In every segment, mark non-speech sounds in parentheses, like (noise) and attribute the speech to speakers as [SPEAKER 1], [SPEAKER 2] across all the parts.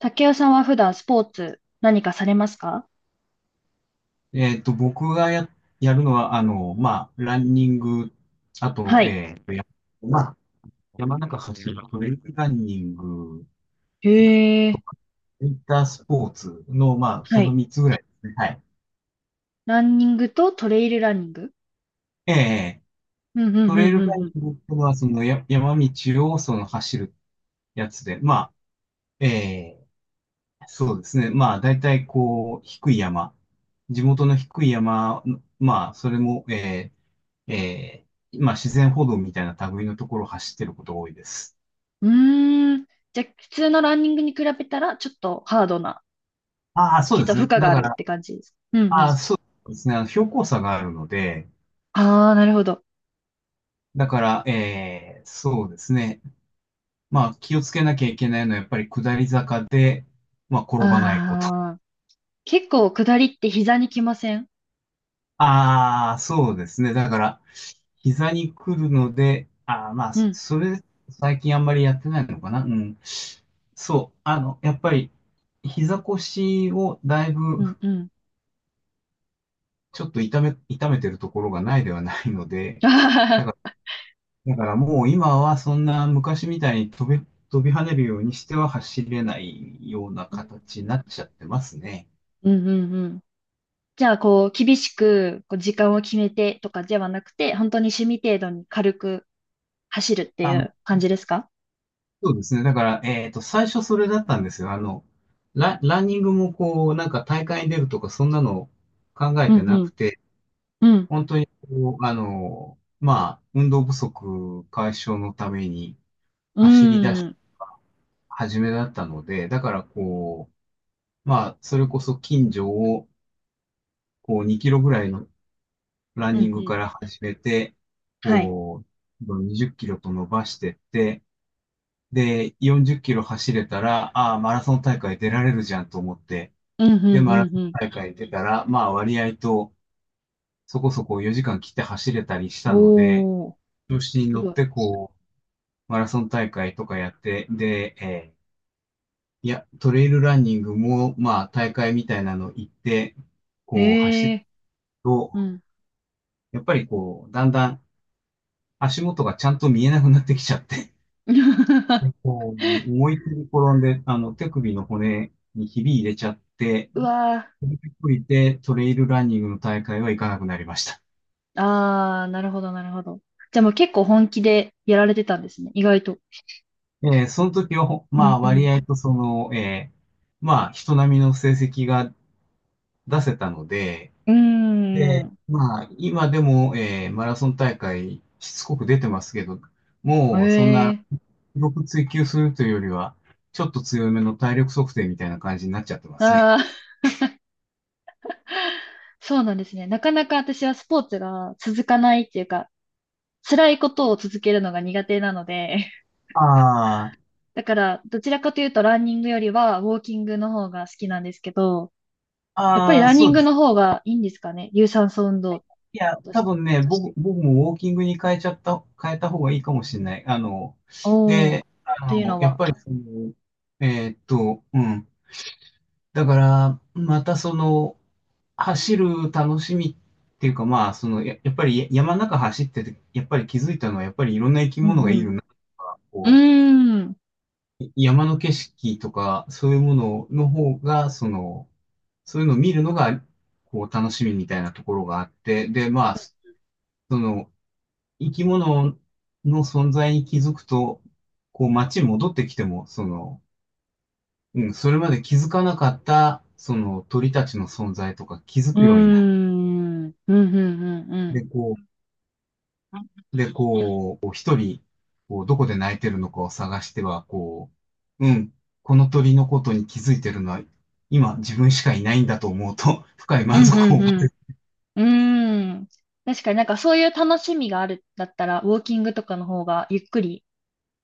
[SPEAKER 1] 竹雄さんは普段スポーツ何かされますか？
[SPEAKER 2] 僕がやるのは、ランニング、あ
[SPEAKER 1] は
[SPEAKER 2] と、
[SPEAKER 1] い。
[SPEAKER 2] えっと、や、まあ、山中走るトレイルランニング
[SPEAKER 1] へ
[SPEAKER 2] と
[SPEAKER 1] え、
[SPEAKER 2] か、ウィンタースポーツの、まあ、
[SPEAKER 1] は
[SPEAKER 2] その
[SPEAKER 1] い。
[SPEAKER 2] 3つぐらいですね。はい。
[SPEAKER 1] ランニングとトレイルランニング。
[SPEAKER 2] ええ
[SPEAKER 1] うんう
[SPEAKER 2] ト
[SPEAKER 1] ん
[SPEAKER 2] レ
[SPEAKER 1] う
[SPEAKER 2] イルラ
[SPEAKER 1] ん
[SPEAKER 2] ン
[SPEAKER 1] う
[SPEAKER 2] ニ
[SPEAKER 1] ん
[SPEAKER 2] ングっていうのは、その山道をその走るやつで、ええそうですね。まあ、大体こう、低い山。地元の低い山、まあ、それも、ーえまあ、自然歩道みたいな類のところを走ってることが多いです。
[SPEAKER 1] うん。うーん。じゃあ、普通のランニングに比べたら、ちょっとハードな、
[SPEAKER 2] ああ、そう
[SPEAKER 1] きっ
[SPEAKER 2] で
[SPEAKER 1] と
[SPEAKER 2] す
[SPEAKER 1] 負
[SPEAKER 2] ね。
[SPEAKER 1] 荷が
[SPEAKER 2] だ
[SPEAKER 1] あ
[SPEAKER 2] か
[SPEAKER 1] るっ
[SPEAKER 2] ら、
[SPEAKER 1] て感じです。うんう
[SPEAKER 2] ああ、
[SPEAKER 1] ん。
[SPEAKER 2] そうですね。あの標高差があるので、
[SPEAKER 1] ああ、なるほど。
[SPEAKER 2] だから、そうですね。まあ、気をつけなきゃいけないのは、やっぱり下り坂で、まあ、
[SPEAKER 1] あ
[SPEAKER 2] 転ばないこと。
[SPEAKER 1] あ、結構下りって膝にきません？
[SPEAKER 2] ああ、そうですね。だから、膝に来るので、ああ、まあ、
[SPEAKER 1] う
[SPEAKER 2] そ
[SPEAKER 1] ん、
[SPEAKER 2] それ、最近あんまりやってないのかな。うん。そう、あの、やっぱり、膝腰をだいぶ、
[SPEAKER 1] うん、うん。
[SPEAKER 2] ちょっと痛めてるところがないではないので、
[SPEAKER 1] あは
[SPEAKER 2] だか
[SPEAKER 1] は。
[SPEAKER 2] ら、だからもう今はそんな昔みたいに飛び跳ねるようにしては走れないような
[SPEAKER 1] うん、
[SPEAKER 2] 形になっちゃってますね。
[SPEAKER 1] うん、うんうん。じゃあ、こう、厳しく、こう、時間を決めてとかではなくて、本当に趣味程度に軽く走るって
[SPEAKER 2] あ、
[SPEAKER 1] いう感じですか？
[SPEAKER 2] そうですね。だから、最初それだったんですよ。あの、ランニングもこう、なんか大会に出るとか、そんなの考え
[SPEAKER 1] う
[SPEAKER 2] て
[SPEAKER 1] んう
[SPEAKER 2] なく
[SPEAKER 1] ん
[SPEAKER 2] て、
[SPEAKER 1] うん
[SPEAKER 2] 本当にこう、あの、まあ、運動不足解消のために
[SPEAKER 1] う
[SPEAKER 2] 走りだ、
[SPEAKER 1] ん
[SPEAKER 2] 始めだったので、だからこう、まあ、それこそ近所を、こう、2キロぐらいのラン
[SPEAKER 1] う
[SPEAKER 2] ニン
[SPEAKER 1] んう
[SPEAKER 2] グ
[SPEAKER 1] ん。
[SPEAKER 2] から始めて、
[SPEAKER 1] はい。
[SPEAKER 2] こう、20キロと伸ばしてって、で、40キロ走れたら、ああ、マラソン大会出られるじゃんと思って、
[SPEAKER 1] うんうん
[SPEAKER 2] で、マラ
[SPEAKER 1] うん
[SPEAKER 2] ソン
[SPEAKER 1] うん。
[SPEAKER 2] 大会出たら、まあ割合とそこそこ4時間切って走れたりしたので、
[SPEAKER 1] おー。
[SPEAKER 2] 調子に
[SPEAKER 1] す
[SPEAKER 2] 乗っ
[SPEAKER 1] ごい。
[SPEAKER 2] てこう、マラソン大会とかやって、で、いや、トレイルランニングも、まあ大会みたいなの行って、こう走
[SPEAKER 1] へ
[SPEAKER 2] る
[SPEAKER 1] え。う
[SPEAKER 2] と、
[SPEAKER 1] ん。
[SPEAKER 2] やっぱりこう、だんだん足元がちゃんと見えなくなってきちゃって、(laughs) で
[SPEAKER 1] (laughs)
[SPEAKER 2] こう、思いっきり転んで、あの、手首の骨にひび入れちゃって、
[SPEAKER 1] うわ
[SPEAKER 2] それで降りてトレイルランニングの大会は行かなくなりました。
[SPEAKER 1] ー。ああ、なるほど、なるほど。じゃあもう結構本気でやられてたんですね、意外と。
[SPEAKER 2] その時は、
[SPEAKER 1] う
[SPEAKER 2] ま
[SPEAKER 1] ん
[SPEAKER 2] あ、
[SPEAKER 1] うん。
[SPEAKER 2] 割合とその、まあ、人並みの成績が出せたので、
[SPEAKER 1] うー
[SPEAKER 2] で、
[SPEAKER 1] ん。
[SPEAKER 2] まあ、今でも、マラソン大会、しつこく出てますけど、
[SPEAKER 1] え
[SPEAKER 2] もう、そんな、
[SPEAKER 1] え。
[SPEAKER 2] 記録追求するというよりは、ちょっと強めの体力測定みたいな感じになっちゃってます
[SPEAKER 1] あ
[SPEAKER 2] ね。
[SPEAKER 1] あー。(laughs) そうなんですね。なかなか私はスポーツが続かないっていうか、辛いことを続けるのが苦手なので、
[SPEAKER 2] ああ、
[SPEAKER 1] だから、どちらかというとランニングよりはウォーキングの方が好きなんですけど、やっぱり
[SPEAKER 2] ああ、
[SPEAKER 1] ランニ
[SPEAKER 2] そ
[SPEAKER 1] ン
[SPEAKER 2] うで
[SPEAKER 1] グ
[SPEAKER 2] す。
[SPEAKER 1] の方がいいんですかね。有酸素運動
[SPEAKER 2] いや、
[SPEAKER 1] と
[SPEAKER 2] 多
[SPEAKER 1] して。
[SPEAKER 2] 分ね、僕もウォーキングに変えた方がいいかもしれない。あの、
[SPEAKER 1] おー。と
[SPEAKER 2] あ
[SPEAKER 1] いう
[SPEAKER 2] の、
[SPEAKER 1] の
[SPEAKER 2] やっ
[SPEAKER 1] は。
[SPEAKER 2] ぱりその、うん。だから、またその、走る楽しみっていうか、まあ、その、やっぱり山の中走ってて、やっぱり気づいたのは、やっぱりいろんな生き
[SPEAKER 1] う
[SPEAKER 2] 物が
[SPEAKER 1] んう
[SPEAKER 2] い
[SPEAKER 1] ん。
[SPEAKER 2] るなとか、こ
[SPEAKER 1] うーん。
[SPEAKER 2] う、山の景色とか、そういうものの方が、その、そういうのを見るのが、こう、楽しみみたいなところがあって、で、まあ、その、生き物の存在に気づくと、こう、街に戻ってきても、その、うん、それまで気づかなかった、その鳥たちの存在とか気づ
[SPEAKER 1] うー
[SPEAKER 2] くようになる。
[SPEAKER 1] ん。うんうんうんうん。
[SPEAKER 2] で、こう、で、こう、こう一人、こう、どこで泣いてるのかを探しては、こう、うん、この鳥のことに気づいてるのは、今自分しかいないんだと思うと、(laughs) 深い
[SPEAKER 1] う
[SPEAKER 2] 満
[SPEAKER 1] ん
[SPEAKER 2] 足
[SPEAKER 1] う
[SPEAKER 2] を覚
[SPEAKER 1] んうん。うーん。確かになんかそういう楽しみがあるんだったら、ウォーキングとかの方がゆっくり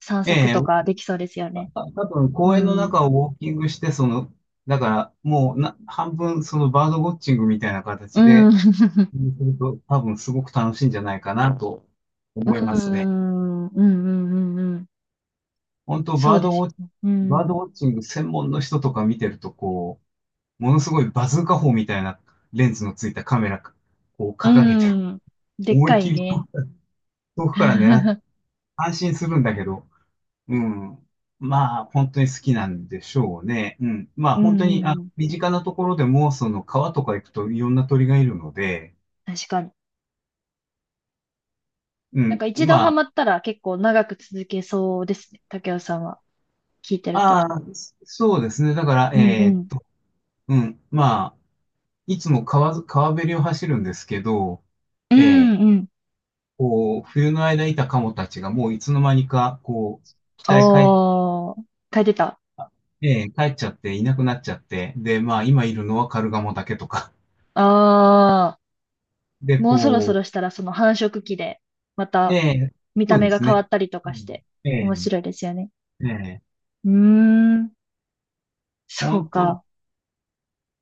[SPEAKER 1] 散
[SPEAKER 2] え
[SPEAKER 1] 策
[SPEAKER 2] え
[SPEAKER 1] と
[SPEAKER 2] え、
[SPEAKER 1] かできそうですよね。
[SPEAKER 2] 多分
[SPEAKER 1] う
[SPEAKER 2] 公園の
[SPEAKER 1] ん。
[SPEAKER 2] 中をウォーキングして、その、だからもうな、半分そのバードウォッチングみたいな形
[SPEAKER 1] うん。
[SPEAKER 2] で、
[SPEAKER 1] (laughs)
[SPEAKER 2] うんすると多分すごく楽しいんじゃないかなと
[SPEAKER 1] う
[SPEAKER 2] 思いますね。
[SPEAKER 1] ん。うんうんうんうん。
[SPEAKER 2] 本当
[SPEAKER 1] そう
[SPEAKER 2] バー
[SPEAKER 1] です
[SPEAKER 2] ドウォッチ、
[SPEAKER 1] よね。う
[SPEAKER 2] バード
[SPEAKER 1] ん。
[SPEAKER 2] ウォッチング専門の人とか見てると、こう、ものすごいバズーカ砲みたいなレンズのついたカメラを
[SPEAKER 1] う
[SPEAKER 2] 掲げて、
[SPEAKER 1] ん。でっ
[SPEAKER 2] 思い
[SPEAKER 1] か
[SPEAKER 2] っき
[SPEAKER 1] い
[SPEAKER 2] り
[SPEAKER 1] ね。
[SPEAKER 2] 遠くから狙って
[SPEAKER 1] (laughs)
[SPEAKER 2] 安心するんだけど、うん。まあ、本当に好きなんでしょうね。うん。まあ、
[SPEAKER 1] う
[SPEAKER 2] 本当に、あ、
[SPEAKER 1] んうん。
[SPEAKER 2] 身近なところでも、その川とか行くといろんな鳥がいるので、
[SPEAKER 1] 確かに。
[SPEAKER 2] う
[SPEAKER 1] なんか
[SPEAKER 2] ん。
[SPEAKER 1] 一度
[SPEAKER 2] ま
[SPEAKER 1] ハ
[SPEAKER 2] あ、
[SPEAKER 1] マったら結構長く続けそうですね。竹雄さんは聞いてると。
[SPEAKER 2] ああ、そうですね。だから、
[SPEAKER 1] うんうん。
[SPEAKER 2] うん。まあ、いつも川ず、川べりを走るんですけど、
[SPEAKER 1] うん
[SPEAKER 2] えー
[SPEAKER 1] うん。
[SPEAKER 2] こう、冬の間いたカモたちがもういつの間にか、こう、北へ帰っ
[SPEAKER 1] おー。書いてた。
[SPEAKER 2] ええ、帰っちゃっていなくなっちゃって、で、まあ今いるのはカルガモだけとか。
[SPEAKER 1] あ
[SPEAKER 2] (laughs) で、
[SPEAKER 1] ー。もうそろそ
[SPEAKER 2] こ
[SPEAKER 1] ろしたらその繁殖期で、ま
[SPEAKER 2] う、え
[SPEAKER 1] た
[SPEAKER 2] え、
[SPEAKER 1] 見た
[SPEAKER 2] そう
[SPEAKER 1] 目
[SPEAKER 2] で
[SPEAKER 1] が
[SPEAKER 2] す
[SPEAKER 1] 変
[SPEAKER 2] ね。
[SPEAKER 1] わったりと
[SPEAKER 2] う
[SPEAKER 1] かして、
[SPEAKER 2] ん、ええ、
[SPEAKER 1] 面白いですよね。
[SPEAKER 2] ええ、
[SPEAKER 1] うーん。そ
[SPEAKER 2] 本
[SPEAKER 1] う
[SPEAKER 2] 当、
[SPEAKER 1] か。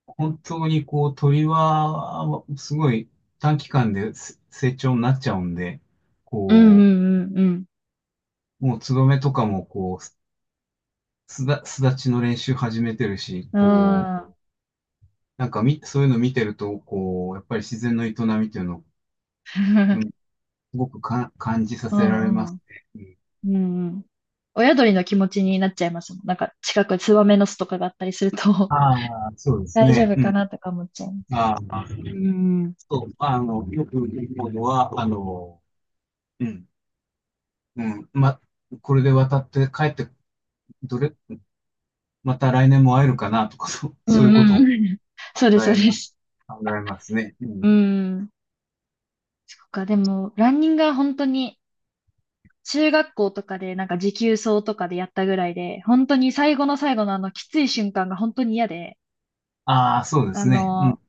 [SPEAKER 2] 本当にこう鳥は、すごい短期間です成長になっちゃうんで、
[SPEAKER 1] うんうん
[SPEAKER 2] こ
[SPEAKER 1] うんうん。
[SPEAKER 2] う、もうツバメとかもこう、巣立ちの練習始めてるし、
[SPEAKER 1] うん。
[SPEAKER 2] こう、
[SPEAKER 1] あー。
[SPEAKER 2] なんかみ、そういうの見てると、こう、やっぱり自然の営みっていうのを、うん、す
[SPEAKER 1] (laughs)
[SPEAKER 2] ごく感じさ
[SPEAKER 1] う
[SPEAKER 2] せられま
[SPEAKER 1] んう
[SPEAKER 2] す
[SPEAKER 1] ん。
[SPEAKER 2] ね。
[SPEAKER 1] うんうん。親鳥の気持ちになっちゃいますもん。なんか近くツバメの巣とかがあったりすると、
[SPEAKER 2] ああ、そ
[SPEAKER 1] (laughs)
[SPEAKER 2] うです
[SPEAKER 1] 大丈
[SPEAKER 2] ね。
[SPEAKER 1] 夫
[SPEAKER 2] う
[SPEAKER 1] か
[SPEAKER 2] ん。
[SPEAKER 1] なとか思っちゃいます。
[SPEAKER 2] ああ、
[SPEAKER 1] うん。
[SPEAKER 2] そう、あの、よく言うのは、あの、うん。うん、ま、これで渡って帰って、どれ、また来年も会えるかなとか、(laughs) そう、
[SPEAKER 1] う
[SPEAKER 2] そういう
[SPEAKER 1] んう
[SPEAKER 2] ことを
[SPEAKER 1] ん。そうです、
[SPEAKER 2] 考
[SPEAKER 1] そう
[SPEAKER 2] え
[SPEAKER 1] で
[SPEAKER 2] ます、
[SPEAKER 1] す。
[SPEAKER 2] 考えますね。う
[SPEAKER 1] う
[SPEAKER 2] ん。
[SPEAKER 1] ん。そっか、でも、ランニングは本当に、中学校とかで、なんか持久走とかでやったぐらいで、本当に最後の最後のきつい瞬間が本当に嫌で、
[SPEAKER 2] ああ、そうで
[SPEAKER 1] あ
[SPEAKER 2] すね。うん。
[SPEAKER 1] の、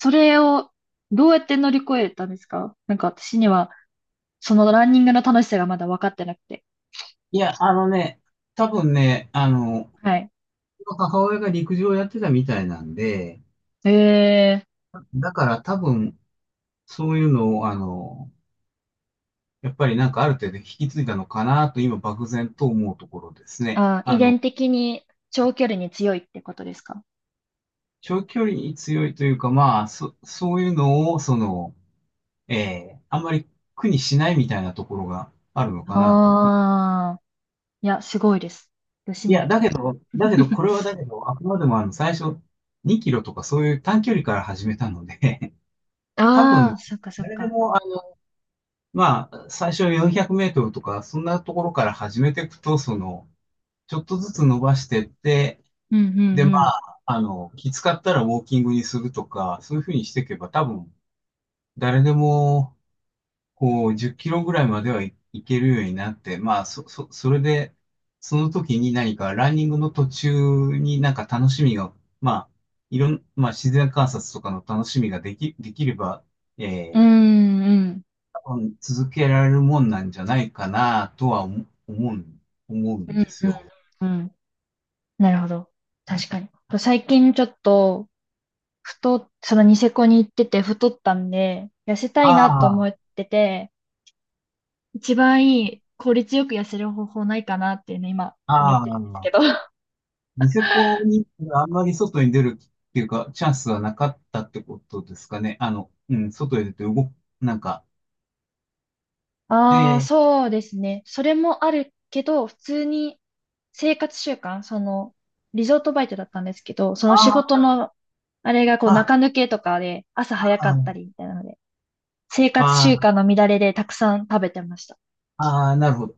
[SPEAKER 1] それをどうやって乗り越えたんですか？なんか私には、そのランニングの楽しさがまだ分かってなくて。
[SPEAKER 2] いや、あのね、多分ね、あの、
[SPEAKER 1] はい。
[SPEAKER 2] 母親が陸上をやってたみたいなんで、
[SPEAKER 1] えー
[SPEAKER 2] だから多分、そういうのを、あの、やっぱりなんかある程度引き継いだのかなと、今漠然と思うところですね。
[SPEAKER 1] あ、遺伝的に長距離に強いってことですか？
[SPEAKER 2] 長距離に強いというか、まあ、そういうのを、その、あんまり苦にしないみたいなところがあるのかなと。
[SPEAKER 1] ああー、いや、すごいです。私
[SPEAKER 2] い
[SPEAKER 1] に
[SPEAKER 2] や、
[SPEAKER 1] はち
[SPEAKER 2] だ
[SPEAKER 1] ょっ
[SPEAKER 2] けど、だけど、これはだけど、あくまでもあの、最初、2キロとかそういう短距離から始めたので。
[SPEAKER 1] と。 (laughs)
[SPEAKER 2] (laughs) 多
[SPEAKER 1] あ
[SPEAKER 2] 分、
[SPEAKER 1] あ、そっかそっ
[SPEAKER 2] 誰で
[SPEAKER 1] か。
[SPEAKER 2] も、あのまあ、最初400メートルとか、そんなところから始めていくと、その、ちょっとずつ伸ばしてって、
[SPEAKER 1] うんう
[SPEAKER 2] で、
[SPEAKER 1] ん
[SPEAKER 2] ま
[SPEAKER 1] うん。
[SPEAKER 2] あ、あの、きつかったらウォーキングにするとか、そういうふうにしていけば、多分、誰でも、こう、10キロぐらいまではいいけるようになって、まあ、それで、その時に何かランニングの途中になんか楽しみが、まあ、いろん、まあ、自然観察とかの楽しみができれば、
[SPEAKER 1] う
[SPEAKER 2] えー
[SPEAKER 1] んうん。
[SPEAKER 2] 多分続けられるもんなんじゃないかなとは思う
[SPEAKER 1] う
[SPEAKER 2] ん
[SPEAKER 1] ん
[SPEAKER 2] です
[SPEAKER 1] うん
[SPEAKER 2] よ。
[SPEAKER 1] うん。なるほど。確かに。最近ちょっと、そのニセコに行ってて太ったんで、痩せたいなと
[SPEAKER 2] あ
[SPEAKER 1] 思っ
[SPEAKER 2] あ、
[SPEAKER 1] てて、一番いい効率よく痩せる方法ないかなっていうね、今思っ
[SPEAKER 2] あ
[SPEAKER 1] てるんです
[SPEAKER 2] あ、
[SPEAKER 1] けど。(laughs)
[SPEAKER 2] ニセコにあんまり外に出るっていうか、チャンスはなかったってことですかね。あの、うん、外へ出て動く、なんか、
[SPEAKER 1] ああ、
[SPEAKER 2] え
[SPEAKER 1] そうですね。それもあるけど、普通に生活習慣、リゾートバイトだったんですけど、その仕事
[SPEAKER 2] ああ
[SPEAKER 1] の、あれがこう
[SPEAKER 2] あ、
[SPEAKER 1] 中抜けとかで、朝早かった
[SPEAKER 2] あ
[SPEAKER 1] りみたいなので、生活習
[SPEAKER 2] あ、
[SPEAKER 1] 慣の乱れでたくさん食べてました。
[SPEAKER 2] ああなるほど。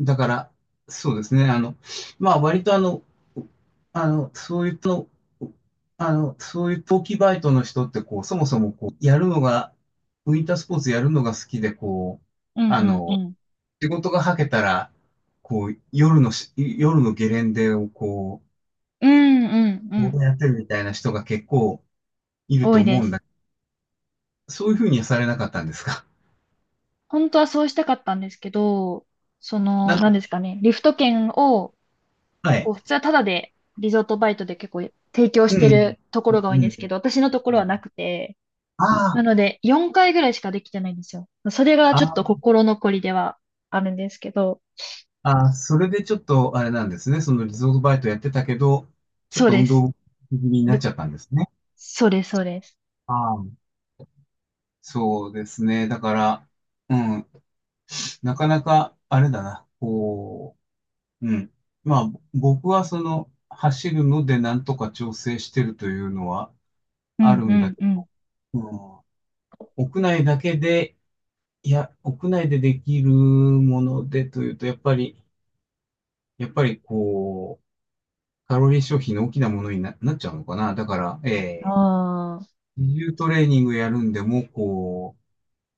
[SPEAKER 2] だから、そうですね。あの、まあ、割とあの、あの、そういうと、あの、そういう冬季バイトの人って、こう、そもそも、こう、やるのが、ウィンタースポーツやるのが好きで、こう、
[SPEAKER 1] うん
[SPEAKER 2] あ
[SPEAKER 1] うんう
[SPEAKER 2] の、
[SPEAKER 1] ん。
[SPEAKER 2] 仕事がはけたら、こう、夜のゲレンデを、こ
[SPEAKER 1] うんうんう
[SPEAKER 2] う、
[SPEAKER 1] ん。
[SPEAKER 2] ボやってるみたいな人が結構いる
[SPEAKER 1] 多
[SPEAKER 2] と
[SPEAKER 1] い
[SPEAKER 2] 思
[SPEAKER 1] で
[SPEAKER 2] うん
[SPEAKER 1] す。
[SPEAKER 2] だけど、そういうふうにはされなかったんですか？
[SPEAKER 1] 本当はそうしたかったんですけど、
[SPEAKER 2] なん
[SPEAKER 1] 何
[SPEAKER 2] か、
[SPEAKER 1] ですかね、リフト券を、
[SPEAKER 2] は
[SPEAKER 1] こ
[SPEAKER 2] い。
[SPEAKER 1] う、普通はタダで、リゾートバイトで結構提供し
[SPEAKER 2] う
[SPEAKER 1] て
[SPEAKER 2] ん。
[SPEAKER 1] るとこ
[SPEAKER 2] う
[SPEAKER 1] ろ
[SPEAKER 2] ん。
[SPEAKER 1] が多
[SPEAKER 2] う
[SPEAKER 1] いんですけ
[SPEAKER 2] ん。
[SPEAKER 1] ど、私のとこ
[SPEAKER 2] う
[SPEAKER 1] ろはな
[SPEAKER 2] ん。
[SPEAKER 1] くて、
[SPEAKER 2] あ
[SPEAKER 1] な
[SPEAKER 2] あ
[SPEAKER 1] の
[SPEAKER 2] ー、
[SPEAKER 1] で、4回ぐらいしかできてないんですよ。それがちょっと
[SPEAKER 2] あ
[SPEAKER 1] 心残りではあるんですけど、
[SPEAKER 2] あ、それでちょっとあれなんですね。そのリゾートバイトやってたけど、ちょっ
[SPEAKER 1] そう
[SPEAKER 2] と
[SPEAKER 1] で
[SPEAKER 2] 運
[SPEAKER 1] す。
[SPEAKER 2] 動気味になっ
[SPEAKER 1] ぶ
[SPEAKER 2] ちゃったんですね。
[SPEAKER 1] そうです、そうです。
[SPEAKER 2] ああ、そうですね。だから、うん、なかなかあれだな。こう、うん。まあ、僕はその走るのでなんとか調整してるというのは
[SPEAKER 1] う
[SPEAKER 2] あ
[SPEAKER 1] ん
[SPEAKER 2] る
[SPEAKER 1] う
[SPEAKER 2] んだ
[SPEAKER 1] ん
[SPEAKER 2] け
[SPEAKER 1] うん。
[SPEAKER 2] ど、うん、屋内だけで、いや、屋内でできるものでというと、やっぱり、やっぱりこう、カロリー消費の大きなものになっちゃうのかな。だから、えー、
[SPEAKER 1] ああ、
[SPEAKER 2] 自重トレーニングやるんでも、こ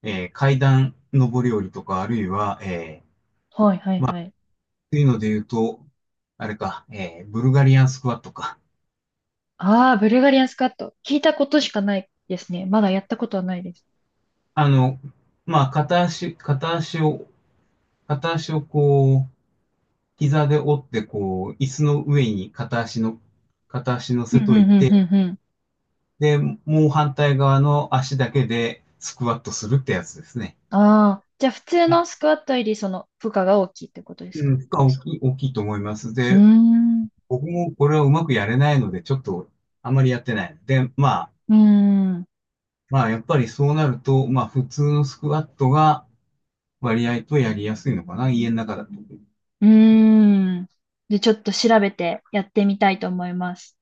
[SPEAKER 2] う、えー、階段上り下りとか、あるいは、えー、
[SPEAKER 1] はいはいはい。
[SPEAKER 2] というので言うと、あれか、えー、ブルガリアンスクワットか。
[SPEAKER 1] ああ、ブルガリアンスカット。聞いたことしかないですね。まだやったことはないです。
[SPEAKER 2] あの、まあ、片足をこう、膝で折って、こう、椅子の上に片足の、片足乗
[SPEAKER 1] うん
[SPEAKER 2] せ
[SPEAKER 1] うん
[SPEAKER 2] とい
[SPEAKER 1] うん
[SPEAKER 2] て、
[SPEAKER 1] うんうん。
[SPEAKER 2] で、もう反対側の足だけでスクワットするってやつですね。
[SPEAKER 1] ああ、じゃあ普通のスクワットよりその負荷が大きいってことですか？
[SPEAKER 2] うん、負荷大きい、大きいと思います。
[SPEAKER 1] うー
[SPEAKER 2] で、
[SPEAKER 1] ん、う
[SPEAKER 2] 僕もこれはうまくやれないので、ちょっとあまりやってない。で、まあ、
[SPEAKER 1] ーん、う
[SPEAKER 2] まあ、やっぱりそうなると、まあ、普通のスクワットが割合とやりやすいのかな、家の中だ
[SPEAKER 1] ーん。で、ちょっと調べてやってみたいと思います。